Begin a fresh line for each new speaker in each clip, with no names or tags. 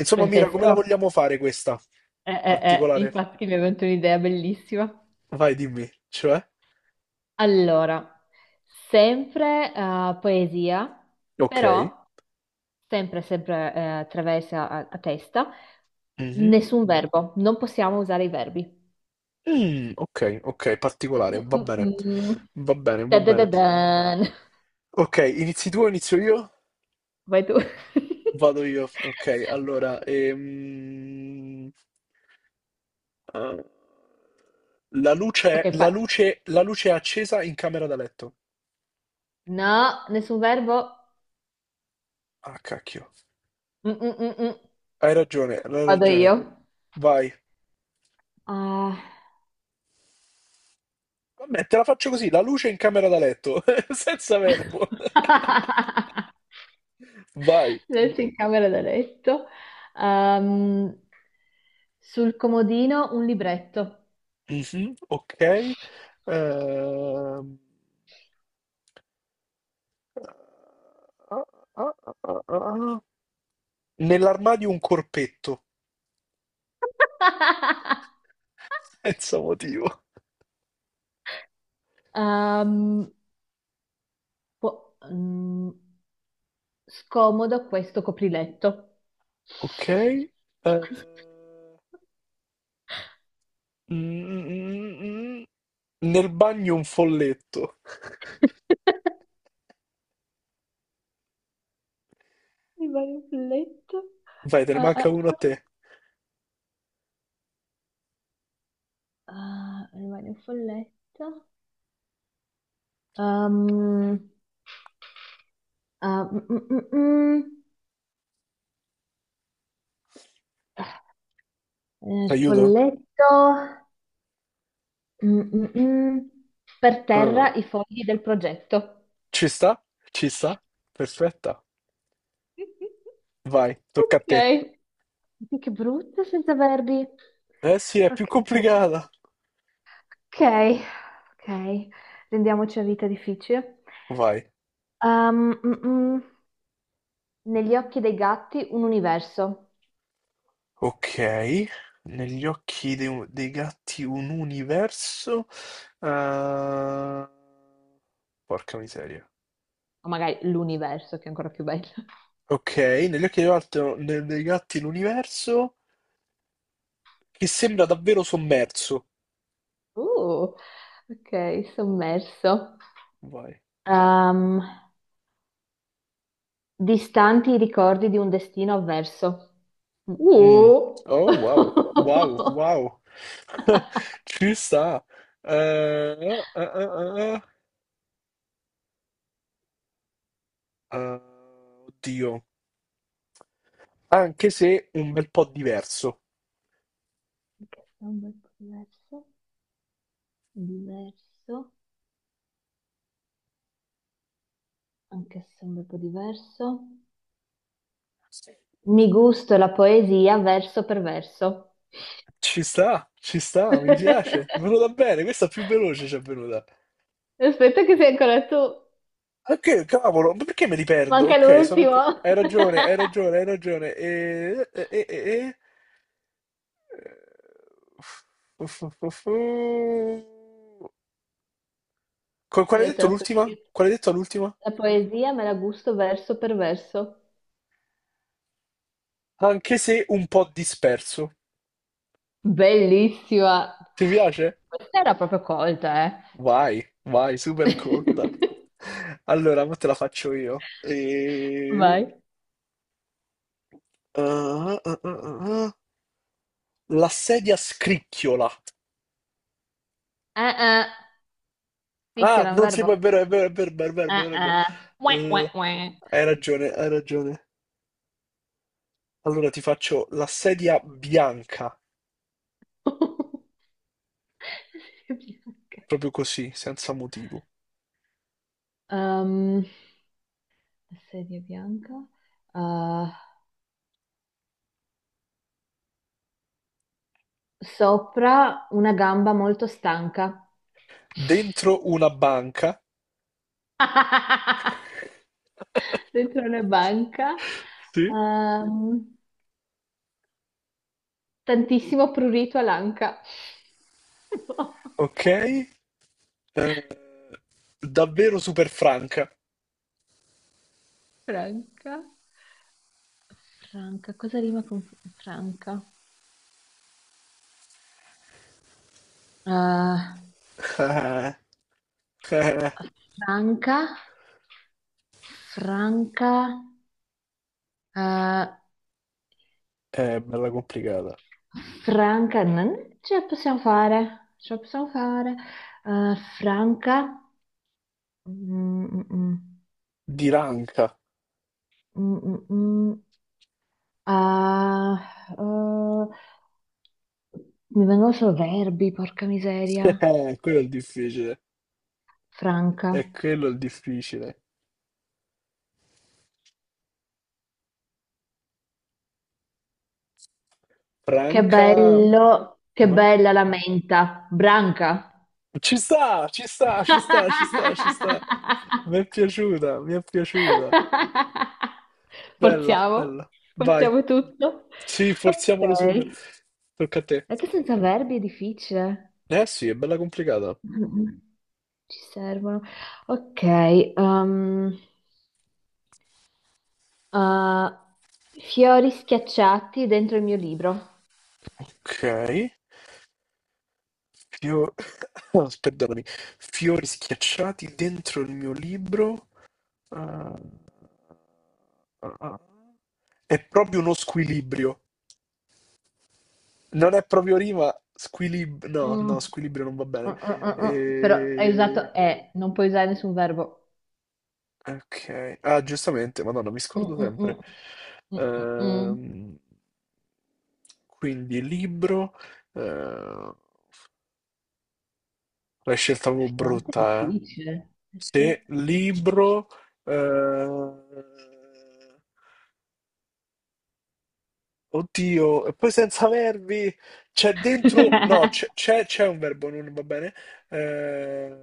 Insomma, Mira, come la
Francesco?
vogliamo fare questa particolare?
Infatti mi è venuta un'idea bellissima.
Vai, dimmi, cioè?
Allora, sempre poesia,
Ok.
però sempre attraversa a testa,
Mhm.
nessun verbo, non possiamo usare i verbi.
Mm, ok, ok,
Mm,
particolare, va
mm,
bene.
mm, mm.
Va bene, va
Da, da, da,
bene.
dan.
Ok, inizi tu o inizio io?
Vai tu.
Vado io. Ok, allora, eh, la
Ok,
luce, la luce, la luce è accesa in camera da letto.
no, nessun verbo.
Ah, cacchio.
Mm, mm, mm, mm.
Hai ragione, hai
Vado
ragione.
io.
Vai.
Ah,
Vabbè, te la faccio così, la luce in camera da letto, senza verbo. Vai.
Letto in camera da letto. Ehm, Sul comodino un libretto.
Mhm, ok. Ehm, ah, ah, ah, ah, ah. Nell'armadio un corpetto, senza motivo.
Ehm, po- mm, Scomodo questo copriletto.
Ok. Mm, mm, mm. Nel bagno un folletto.
Rimane un folletto.
Vai, te ne
Ah,
manca
ah,
uno a
ah.
te.
Ah, rimane un folletto. Ehm, ah, mm, mm, mm, mm.
T'aiuto?
Folletto, mm, mm, mm. Per terra
Eh,
i fogli del progetto.
ci sta? Ci sta? Perfetta. Vai, tocca a te.
Ok, sì, che brutto senza verbi.
Eh sì, è più
Ok,
complicata.
ok, ok, rendiamoci la vita difficile.
Vai.
Mm, mm. Negli occhi dei gatti un universo,
Ok, negli occhi dei gatti un universo. eh, Porca miseria.
o magari l'universo che è ancora più bello.
Ok, negli occhi dei gatti l'universo che sembra davvero sommerso.
Uh, ok, sommerso.
Vai.
Um, Distanti i ricordi di un destino avverso. Mm.
Mm. Oh,
Anche
wow, wow, wow.
se è
Ci sta. Eh, eh, eh, eh, eh. Eh, oddio, anche se un bel po' diverso.
un bel po' diverso, diverso, anche se è un bel po' diverso. Mi gusto la poesia verso per verso.
Ci sta, mi piace. È venuta bene, questa più veloce ci è venuta.
Aspetta che sei ancora tu.
Ok, cavolo, ma perché me li perdo?
Manca
Ok, sono...
l'ultimo.
Hai ragione, hai ragione, hai ragione. Uff, uff, uff, uff, uff. Qual
Mi
hai
hai detto
detto
la
l'ultima?
poesia.
Qual hai detto l'ultima?
La poesia me la gusto verso per verso.
Anche se un po' disperso.
Bellissima.
Ti piace?
Questa era proprio colta,
Vai, vai, super
eh.
colta. Allora, mo te la faccio io.
Vai.
Ah, ah, ah, ah. La sedia scricchiola.
Eh. Picchio
Ah,
è un
non si
verbo.
può, è vero, è vero, è vero, è vero, è vero, è vero.
Eh. Uè, uè,
Eh,
uè.
hai ragione, hai ragione. Allora ti faccio la sedia bianca,
Serie bianca.
proprio così, senza motivo.
Ehm, Serie bianca. Eh, sopra una gamba molto stanca.
Dentro una banca,
Dentro una banca.
sì.
Ehm, Tantissimo prurito all'anca.
Ok? Eh, davvero super franca.
Franca. Franca, cosa rima con Franca? Eh,
Eh, eh,
Franca, Franca, eh,
bella complicata.
Franca, non ce la possiamo fare, ce la possiamo fare. Franca, mm, mm,
Di ranca.
mm, mm, mm, ah, eh, mi vengono solo verbi, porca miseria.
Quello è il difficile.
Franca,
È quello il difficile.
che
Franca,
bello, che
vai.
bella la menta, branca.
Ci sta, ci sta, ci sta, ci sta, ci sta. Mi è piaciuta, mi è piaciuta. Bella,
Forziamo,
bella. Vai.
forziamo tutto.
Sì, forziamolo super.
Ok.
Tocca a te.
E che senza verbi è difficile.
Eh sì, è bella complicata.
Mm. Ci servono. Ok. Uh, fiori schiacciati dentro il mio libro.
Ok. Fio- oh, perdonami. Fiori schiacciati dentro il mio libro. Ah, ah, ah. È proprio uno squilibrio. Non è proprio rima. No,
Mm,
no,
mm,
squilibrio non va
mm,
bene.
mm, mm. Però hai usato e, non puoi usare nessun verbo.
Ok, ah giustamente, Madonna, mi
Mm,
scordo
mm,
sempre.
mm. Mm, mm, mm.
Ehm, quindi libro, eh, la scelta avevo
Effettivamente è
brutta, eh.
difficile. Eh sì.
Se libro, eh, oddio, e poi senza verbi, c'è dentro, no, c'è c'è- c'è un verbo, non va bene. Eh,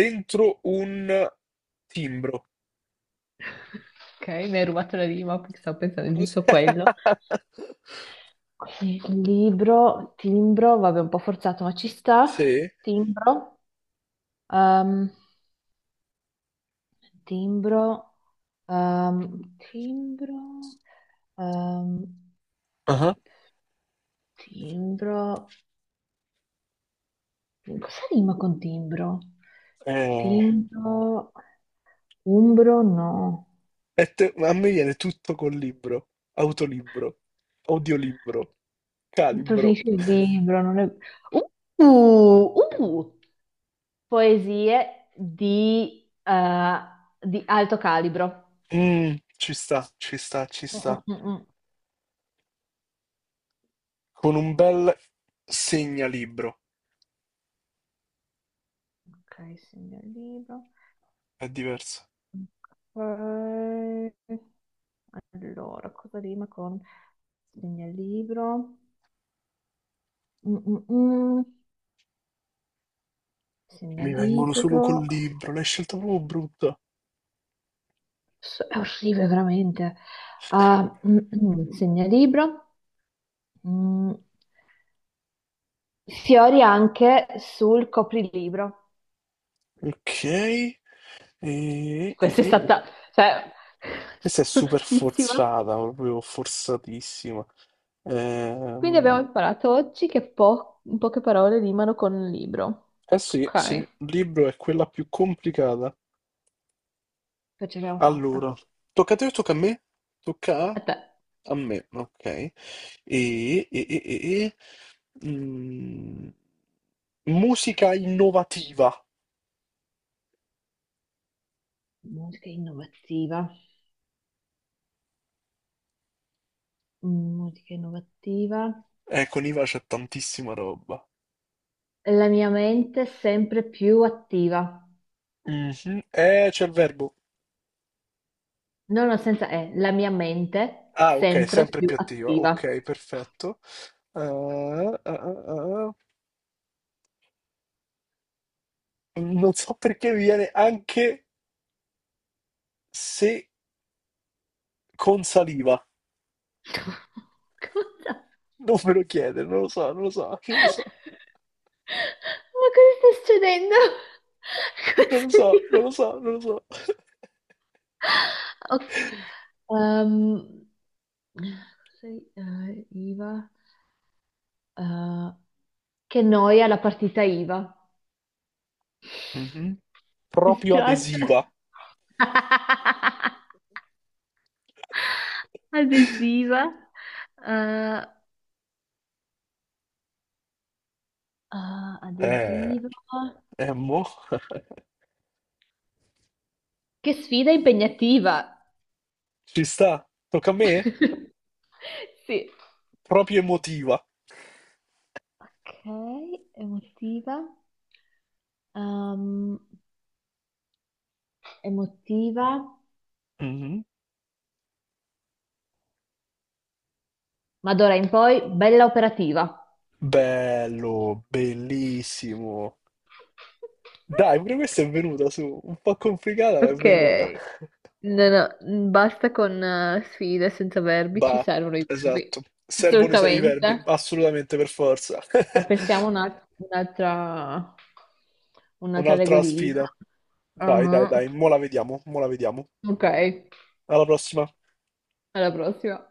dentro un timbro.
Ok, mi hai rubato la rima perché stavo pensando giusto a quello. Quindi libro, timbro, vabbè, un po' forzato, ma ci sta.
Sì.
Timbro, ehm, timbro, timbro, ehm, timbro. Cosa rima con timbro?
Eh,
Timbro, umbro, no.
a me viene tutto col libro, autolibro, audiolibro, calibro.
Preferisco il libro, non è... Uh, uh, Poesie di, eh, di alto calibro.
Mm, ci sta, ci sta, ci
Mm,
sta.
mm, mm, mm.
Con un bel segnalibro,
Ok, segno il libro.
è diverso.
Ok. Allora, cosa rima con segnalibro? Mm, mm, mm.
Mi vengono solo col
Segnalibro.
libro, l'hai scelta proprio brutta.
È orribile, veramente. Ah, mm, mm. Segnalibro. Mm. Fiori anche sul coprilibro.
Ok, e, e-
Questa è, sì,
e-
stata, cioè,
questa è super
bruttissima.
forzata, proprio forzatissima.
Quindi abbiamo
Ehm,
imparato oggi che in poche parole rimano con un libro.
eh sì, sì,
Ok,
il libro è quella più complicata.
poi ce l'abbiamo fatta.
Allora, tocca a te o tocca a me? Tocca a,
A te.
a me, ok. E- e- e- e- mm, musica innovativa.
Musica innovativa. Mm, musica innovativa.
Con Iva c'è tantissima roba.
La mia mente sempre più attiva.
Mhm. C'è il verbo.
No, no, senza E. La mia mente
Ah, ok,
sempre
sempre
più
più attiva.
attiva.
Ok, perfetto. Ah, ah, ah, ah. Non so perché mi viene anche se con saliva.
Cosa?
Non me lo chiede, non lo so, non lo so, non lo so.
Ma cosa sta succedendo?
Non
Questo
lo so, non
libro?
lo so, non lo so.
Ok, ehm, IVA, eh, che noia la partita IVA.
Mhm.
Mi
Proprio
spiace.
adesiva.
Adesiva. eh,
Eh,
Adesiva.
mo,
Che sfida impegnativa.
ci sta. Tocca a me?
Sì.
Proprio emotiva.
Ok, emotiva. Ehm, Emotiva.
Mhm.
Ma d'ora in poi, bella operativa.
Bello, bellissimo. Dai, pure questa è venuta su, un po' complicata, ma è
Ok,
venuta.
no, no, basta con sfide senza verbi, ci
Bah,
servono i verbi.
esatto. Servono i verbi,
Assolutamente.
assolutamente, per forza.
Ma pensiamo un'altra
Un'altra
regolina.
sfida. Dai, dai,
Ah,
dai, mo la vediamo, mo la vediamo.
ok,
Alla prossima.
alla prossima.